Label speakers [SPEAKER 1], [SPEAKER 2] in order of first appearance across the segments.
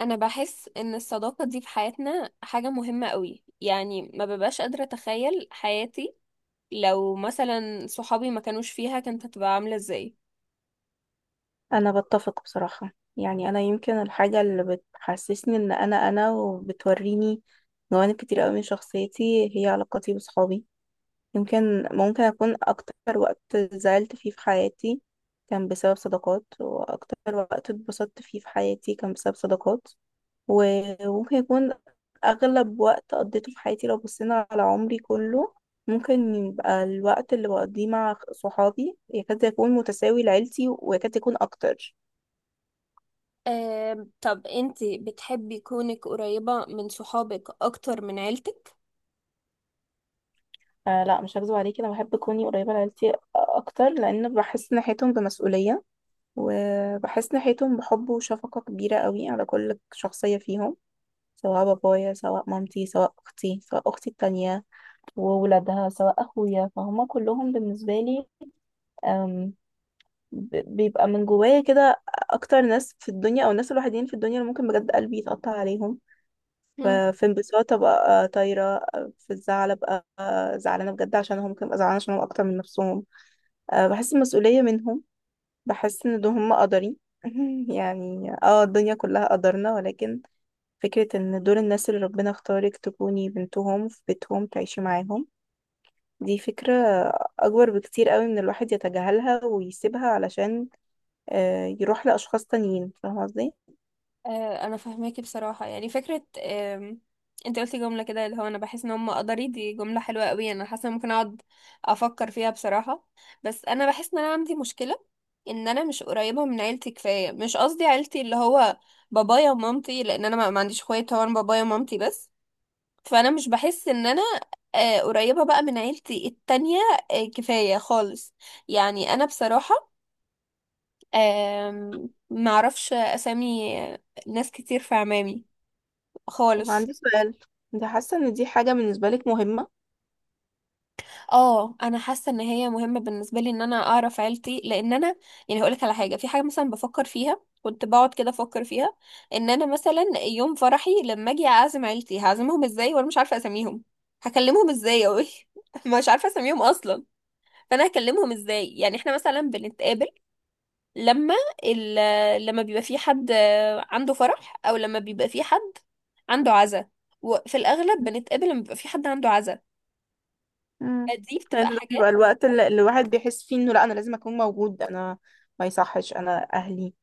[SPEAKER 1] انا بحس ان الصداقة دي في حياتنا حاجة مهمة قوي، يعني ما ببقاش قادرة اتخيل حياتي لو مثلا صحابي ما كانوش فيها كانت هتبقى عاملة ازاي.
[SPEAKER 2] انا بتفق بصراحة. يعني انا يمكن الحاجة اللي بتحسسني ان انا وبتوريني جوانب كتير قوي من شخصيتي هي علاقاتي بصحابي. يمكن ممكن اكون اكتر وقت زعلت فيه في حياتي كان بسبب صداقات، واكتر وقت اتبسطت فيه في حياتي كان بسبب صداقات. وممكن يكون اغلب وقت قضيته في حياتي، لو بصينا على عمري كله، ممكن يبقى الوقت اللي بقضيه مع صحابي يكاد يكون متساوي لعيلتي ويكاد يكون اكتر.
[SPEAKER 1] آه، طب انتي بتحبي كونك قريبة من صحابك اكتر من عيلتك؟
[SPEAKER 2] آه لا، مش هكذب عليكي، انا بحب كوني قريبه لعيلتي اكتر، لان بحس ناحيتهم بمسؤوليه وبحس ناحيتهم بحب وشفقه كبيره قوي على كل شخصيه فيهم. سواء بابايا، سواء مامتي، سواء اختي، سواء اختي التانية وولادها، سواء اخويا، فهم كلهم بالنسبه لي، آم، بيبقى من جوايا كده اكتر ناس في الدنيا، او الناس الوحيدين في الدنيا اللي ممكن بجد قلبي يتقطع عليهم. في انبساط ابقى طايره، في الزعل ابقى زعلانه بجد عشانهم، ممكن ابقى زعلانه عشانهم اكتر من نفسهم. أه، بحس المسؤولية منهم. بحس ان دول هم قدري. يعني اه الدنيا كلها قدرنا، ولكن فكرة ان دول الناس اللي ربنا اختارك تكوني بنتهم، في بيتهم تعيشي معاهم، دي فكرة اكبر بكتير قوي من الواحد يتجاهلها ويسيبها علشان آه يروح لاشخاص تانيين. فاهمة قصدي؟
[SPEAKER 1] آه، انا فاهماكي بصراحه، يعني فكره انت قلتي جمله كده اللي هو انا بحس ان هم قدري، دي جمله حلوه قوي، انا حاسه إن ممكن اقعد افكر فيها بصراحه. بس انا بحس ان انا عندي مشكله، ان انا مش قريبه من عيلتي كفايه، مش قصدي عيلتي اللي هو بابايا ومامتي، لان انا ما عنديش اخوات، هو انا بابايا ومامتي بس. فانا مش بحس ان انا قريبه بقى من عيلتي التانية كفايه خالص. يعني انا بصراحه معرفش اسامي ناس كتير في عمامي خالص.
[SPEAKER 2] وعندي سؤال، انت حاسة ان دي حاجة بالنسبة لك مهمة؟
[SPEAKER 1] اه انا حاسه ان هي مهمه بالنسبه لي ان انا اعرف عيلتي، لان انا يعني هقولك على حاجه، في حاجه مثلا بفكر فيها، كنت بقعد كده افكر فيها، ان انا مثلا يوم فرحي لما اجي اعزم عيلتي هعزمهم ازاي وانا مش عارفه اسميهم؟ هكلمهم ازاي اوي؟ مش عارفه اسميهم اصلا. فانا هكلمهم ازاي؟ يعني احنا مثلا بنتقابل لما ال... لما بيبقى في حد عنده فرح، او لما بيبقى في حد عنده عزا، وفي الاغلب بنتقابل لما بيبقى في حد عنده عزا.
[SPEAKER 2] مم.
[SPEAKER 1] دي
[SPEAKER 2] لان
[SPEAKER 1] بتبقى
[SPEAKER 2] ده بيبقى
[SPEAKER 1] حاجات
[SPEAKER 2] الوقت اللي الواحد بيحس فيه انه لا، انا لازم اكون موجود، انا ما يصحش، انا اهلي،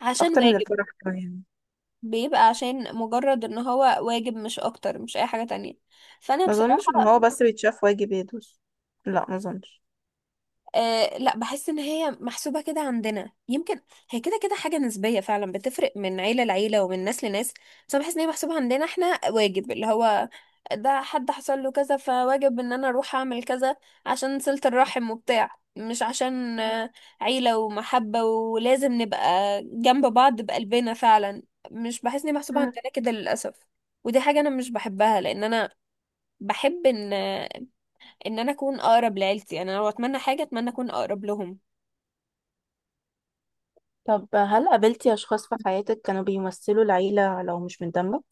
[SPEAKER 1] عشان
[SPEAKER 2] اكتر من
[SPEAKER 1] واجب،
[SPEAKER 2] الفرح كمان.
[SPEAKER 1] بيبقى عشان مجرد ان هو واجب، مش اكتر مش اي حاجة تانية. فانا
[SPEAKER 2] ما اظنش ان
[SPEAKER 1] بصراحة
[SPEAKER 2] هو بس بيتشاف واجب يدوس، لا ما اظنش.
[SPEAKER 1] أه لا، بحس ان هي محسوبة كده عندنا يمكن، هي كده كده حاجة نسبية فعلا، بتفرق من عيلة لعيلة ومن ناس لناس، بس انا بحس ان هي محسوبة عندنا احنا واجب، اللي هو ده حد حصل له كذا فواجب ان انا اروح اعمل كذا عشان صلة الرحم وبتاع، مش عشان عيلة ومحبة ولازم نبقى جنب بعض بقلبنا فعلا، مش بحس ان هي محسوبة
[SPEAKER 2] مم.
[SPEAKER 1] عندنا كده للأسف. ودي حاجة انا مش بحبها لان انا بحب ان انا اكون اقرب لعيلتي، يعني انا لو اتمنى حاجة اتمنى اكون اقرب لهم.
[SPEAKER 2] طب هل قابلتي أشخاص في حياتك كانوا بيمثلوا العيلة لو مش من دمك؟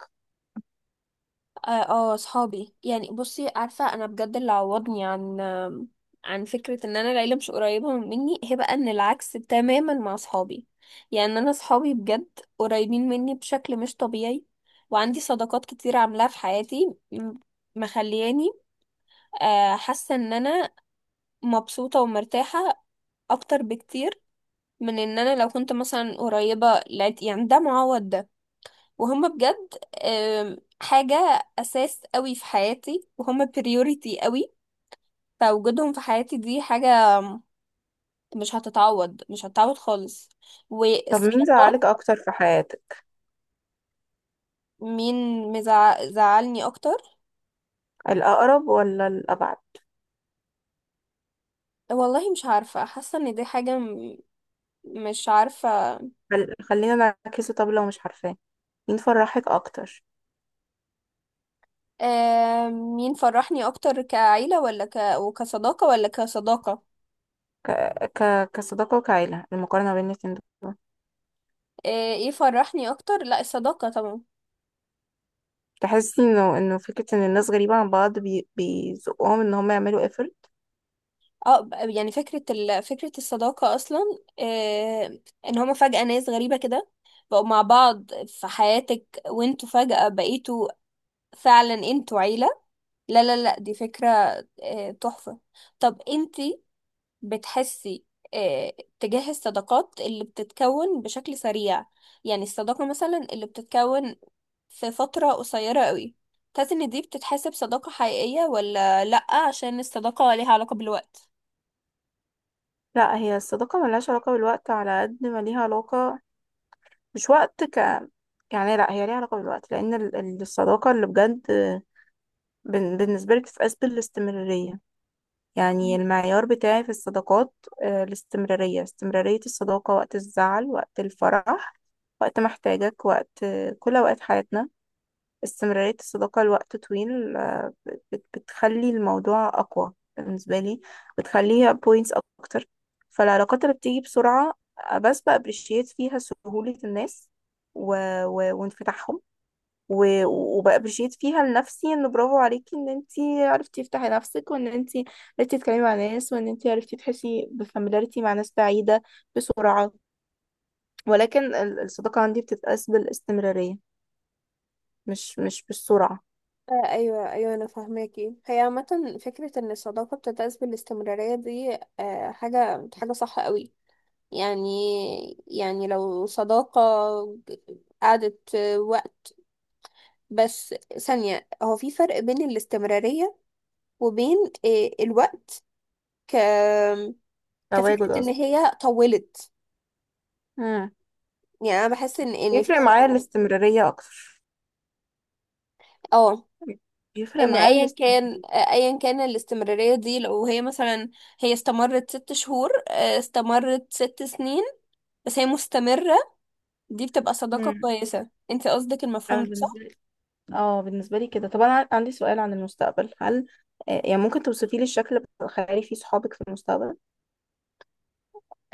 [SPEAKER 1] اه صحابي، يعني بصي عارفة انا بجد اللي عوضني عن عن فكرة ان انا العيلة مش قريبة مني، هي بقى ان العكس تماما مع صحابي. يعني انا صحابي بجد قريبين مني بشكل مش طبيعي، وعندي صداقات كتير عاملاها في حياتي مخلياني حاسة ان انا مبسوطة ومرتاحة اكتر بكتير من ان انا لو كنت مثلا قريبة يعني ده معوض ده. وهم بجد حاجة أساس قوي في حياتي، وهم بريوريتي قوي، فوجودهم في حياتي دي حاجة مش هتتعوض، مش هتتعوض خالص،
[SPEAKER 2] طب مين
[SPEAKER 1] والصداقات.
[SPEAKER 2] زعلك اكتر في حياتك،
[SPEAKER 1] مين مزعلني أكتر؟
[SPEAKER 2] الاقرب ولا الابعد؟
[SPEAKER 1] والله مش عارفة، حاسة إن دي حاجة مش عارفة.
[SPEAKER 2] خلينا نعكسه، طب لو مش عارفاه، مين فرحك اكتر؟
[SPEAKER 1] مين فرحني أكتر، كعيلة ولا وكصداقة ولا كصداقة؟
[SPEAKER 2] ك... كصداقة وكعيلة، المقارنة بين الاتنين دول.
[SPEAKER 1] آه، ايه فرحني أكتر؟ لا، الصداقة طبعا.
[SPEAKER 2] تحسي انه فكرة ان الناس غريبة عن بعض بيزقهم ان هم يعملوا قفل؟
[SPEAKER 1] اه يعني فكرة الصداقة أصلا، آه... إن هما فجأة ناس غريبة كده بقوا مع بعض في حياتك، وانتوا فجأة بقيتوا فعلا انتوا عيلة. لا لا لا، دي فكرة تحفة. طب انتي بتحسي آه... تجاه الصداقات اللي بتتكون بشكل سريع، يعني الصداقة مثلا اللي بتتكون في فترة قصيرة قوي، تحسي إن دي بتتحسب صداقة حقيقية ولا لأ، عشان الصداقة ليها علاقة بالوقت؟
[SPEAKER 2] لا، هي الصداقة ملهاش علاقة بالوقت على قد ما ليها علاقة، مش وقت ك، يعني لا، هي ليها علاقة بالوقت، لأن الصداقة اللي بجد، بالنسبة لي بتتقاس بالاستمرارية. يعني المعيار بتاعي في الصداقات، الاستمرارية، استمرارية الصداقة وقت الزعل، وقت الفرح، وقت ما احتاجك، وقت كل أوقات حياتنا. استمرارية الصداقة لوقت طويل بتخلي الموضوع أقوى بالنسبة لي، بتخليها بوينتس أكتر. فالعلاقات اللي بتيجي بسرعة، بس بأبريشيت فيها سهولة الناس و... وانفتاحهم، وبأبريشيت فيها لنفسي إن برافو عليكي، إن أنتي عرفتي تفتحي نفسك، وإن أنتي عرفتي تتكلمي مع ناس، وإن أنتي عرفتي تحسي بفاميلاريتي مع ناس بعيدة بسرعة. ولكن الصداقة عندي بتتقاس بالاستمرارية، مش بالسرعة.
[SPEAKER 1] آه، ايوه ايوه، انا فاهماكي، هي عامه فكره ان الصداقه بتتأسس بالاستمراريه، دي حاجه حاجه صح قوي. يعني، لو صداقه قعدت وقت، بس ثانيه، هو في فرق بين الاستمراريه وبين الوقت، ك
[SPEAKER 2] تواجد
[SPEAKER 1] كفكره ان
[SPEAKER 2] قصدي.
[SPEAKER 1] هي طولت.
[SPEAKER 2] مم.
[SPEAKER 1] يعني انا بحس ان في
[SPEAKER 2] يفرق
[SPEAKER 1] فرق.
[SPEAKER 2] معايا الاستمرارية أكتر،
[SPEAKER 1] اه،
[SPEAKER 2] يفرق
[SPEAKER 1] ان
[SPEAKER 2] معايا الاستمرارية.
[SPEAKER 1] ايا كان الاستمراريه دي، لو هي مثلا هي استمرت 6 شهور استمرت 6 سنين، بس هي مستمرة، دي بتبقى صداقة
[SPEAKER 2] مم.
[SPEAKER 1] كويسة. انت قصدك
[SPEAKER 2] انا
[SPEAKER 1] المفهوم ده
[SPEAKER 2] بالنسبه
[SPEAKER 1] صح؟
[SPEAKER 2] لي، اه بالنسبه لي كده. طب انا عندي سؤال عن المستقبل، هل يعني ممكن توصفي لي الشكل الخيالي في صحابك في المستقبل؟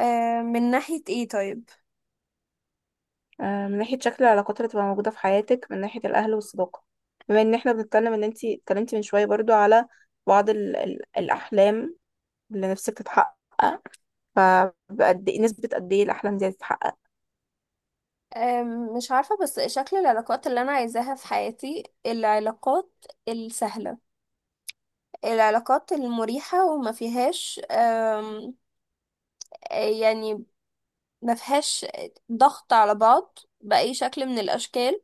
[SPEAKER 1] آه، من ناحية ايه طيب؟
[SPEAKER 2] من ناحيه شكل العلاقات اللي تبقى موجوده في حياتك، من ناحيه الاهل والصداقه، بما ان احنا بنتكلم ان انتي اتكلمتي من شويه برضو على بعض ال ال الاحلام اللي نفسك تتحقق، فبقد ايه، نسبه قد ايه الاحلام دي هتتحقق؟
[SPEAKER 1] مش عارفة، بس شكل العلاقات اللي أنا عايزاها في حياتي العلاقات السهلة، العلاقات المريحة، وما فيهاش يعني ما فيهاش ضغط على بعض بأي شكل من الأشكال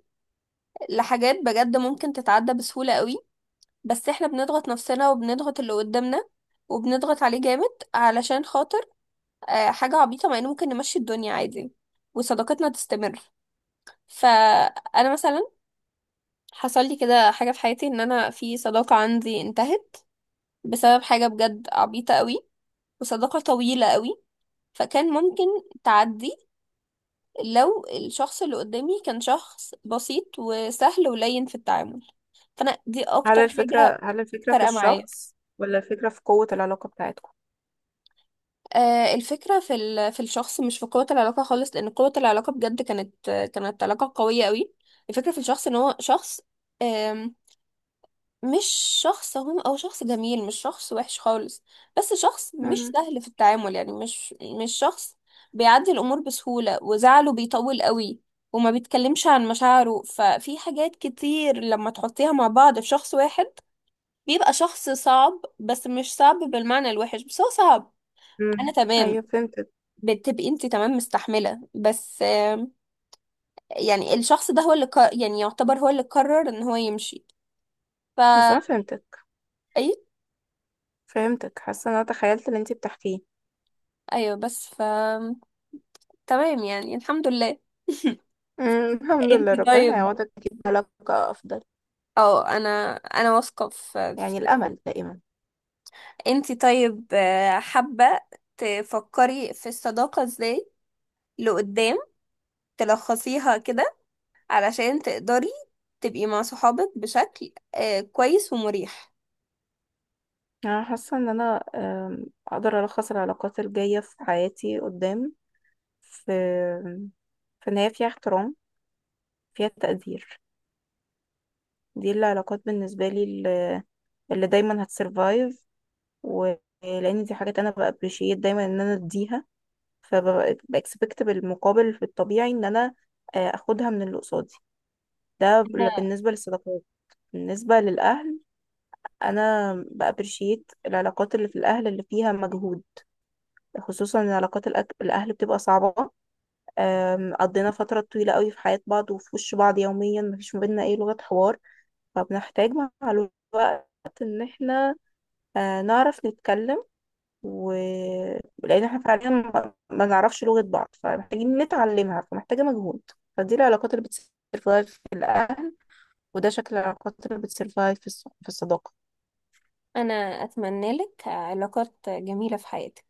[SPEAKER 1] لحاجات بجد ممكن تتعدى بسهولة قوي، بس احنا بنضغط نفسنا وبنضغط اللي قدامنا وبنضغط عليه جامد علشان خاطر حاجة عبيطة، مع إن ممكن نمشي الدنيا عادي وصداقتنا تستمر. فأنا مثلا حصل لي كده حاجة في حياتي، إن أنا في صداقة عندي انتهت بسبب حاجة بجد عبيطة قوي، وصداقة طويلة قوي، فكان ممكن تعدي لو الشخص اللي قدامي كان شخص بسيط وسهل ولين في التعامل، فأنا دي
[SPEAKER 2] هل
[SPEAKER 1] أكتر حاجة
[SPEAKER 2] الفكره، هل الفكره في
[SPEAKER 1] فارقة معايا.
[SPEAKER 2] الشخص، ولا الفكره في قوه العلاقه بتاعتكم؟
[SPEAKER 1] آه، الفكرة في في الشخص مش في قوة العلاقة خالص، لأن قوة العلاقة بجد كانت علاقة قوية قوي. الفكرة في الشخص إن هو شخص آم، مش شخص، هو أو شخص جميل مش شخص وحش خالص، بس شخص مش
[SPEAKER 2] مم.
[SPEAKER 1] سهل في التعامل، يعني مش شخص بيعدي الأمور بسهولة، وزعله بيطول قوي، وما بيتكلمش عن مشاعره، ففي حاجات كتير لما تحطيها مع بعض في شخص واحد بيبقى شخص صعب، بس مش صعب بالمعنى الوحش، بس هو صعب. أنا
[SPEAKER 2] مم.
[SPEAKER 1] تمام،
[SPEAKER 2] ايوه فهمتك.
[SPEAKER 1] بتبقي انت تمام مستحملة، بس يعني الشخص ده هو اللي يعني يعتبر هو اللي قرر ان هو يمشي، ف
[SPEAKER 2] بس انا فهمتك،
[SPEAKER 1] اي،
[SPEAKER 2] فهمتك، حاسه ان انا تخيلت اللي انت بتحكيه.
[SPEAKER 1] ايوه، بس تمام، يعني الحمد لله.
[SPEAKER 2] مم. الحمد
[SPEAKER 1] انت
[SPEAKER 2] لله، ربنا
[SPEAKER 1] طيب،
[SPEAKER 2] هيعوضك يجيب علاقه افضل.
[SPEAKER 1] اه، انا واثقة في
[SPEAKER 2] يعني
[SPEAKER 1] كده.
[SPEAKER 2] الامل دائما.
[SPEAKER 1] انت طيب، حابة تفكري في الصداقة ازاي لقدام، تلخصيها كده علشان تقدري تبقي مع صحابك بشكل كويس ومريح؟
[SPEAKER 2] انا حاسه ان انا، اقدر الخص العلاقات الجايه في حياتي قدام في، في ان هي فيها احترام، فيها تقدير. دي العلاقات بالنسبه لي اللي، اللي دايما هتسرفايف، ولان دي حاجات انا بابريشيت دايما ان انا اديها، فبكسبكت بالمقابل في الطبيعي ان انا اخدها من اللي قصادي. ده
[SPEAKER 1] أنا
[SPEAKER 2] بالنسبة للصداقات. بالنسبة للأهل، أنا بأبريشيت العلاقات اللي في الأهل اللي فيها مجهود، خصوصا إن علاقات الأهل بتبقى صعبة. قضينا فترة طويلة قوي في حياة بعض وفي وش بعض يوميا، مفيش ما بينا أي لغة حوار، فبنحتاج مع الوقت إن احنا نعرف نتكلم. ولان احنا فعليا ما نعرفش لغة بعض، فمحتاجين نتعلمها، فمحتاجة مجهود. فدي العلاقات اللي بتسرفايف، وده شكل العلاقات اللي بتسرفايف في في الصداقة.
[SPEAKER 1] أنا أتمنى لك علاقات جميلة في حياتك.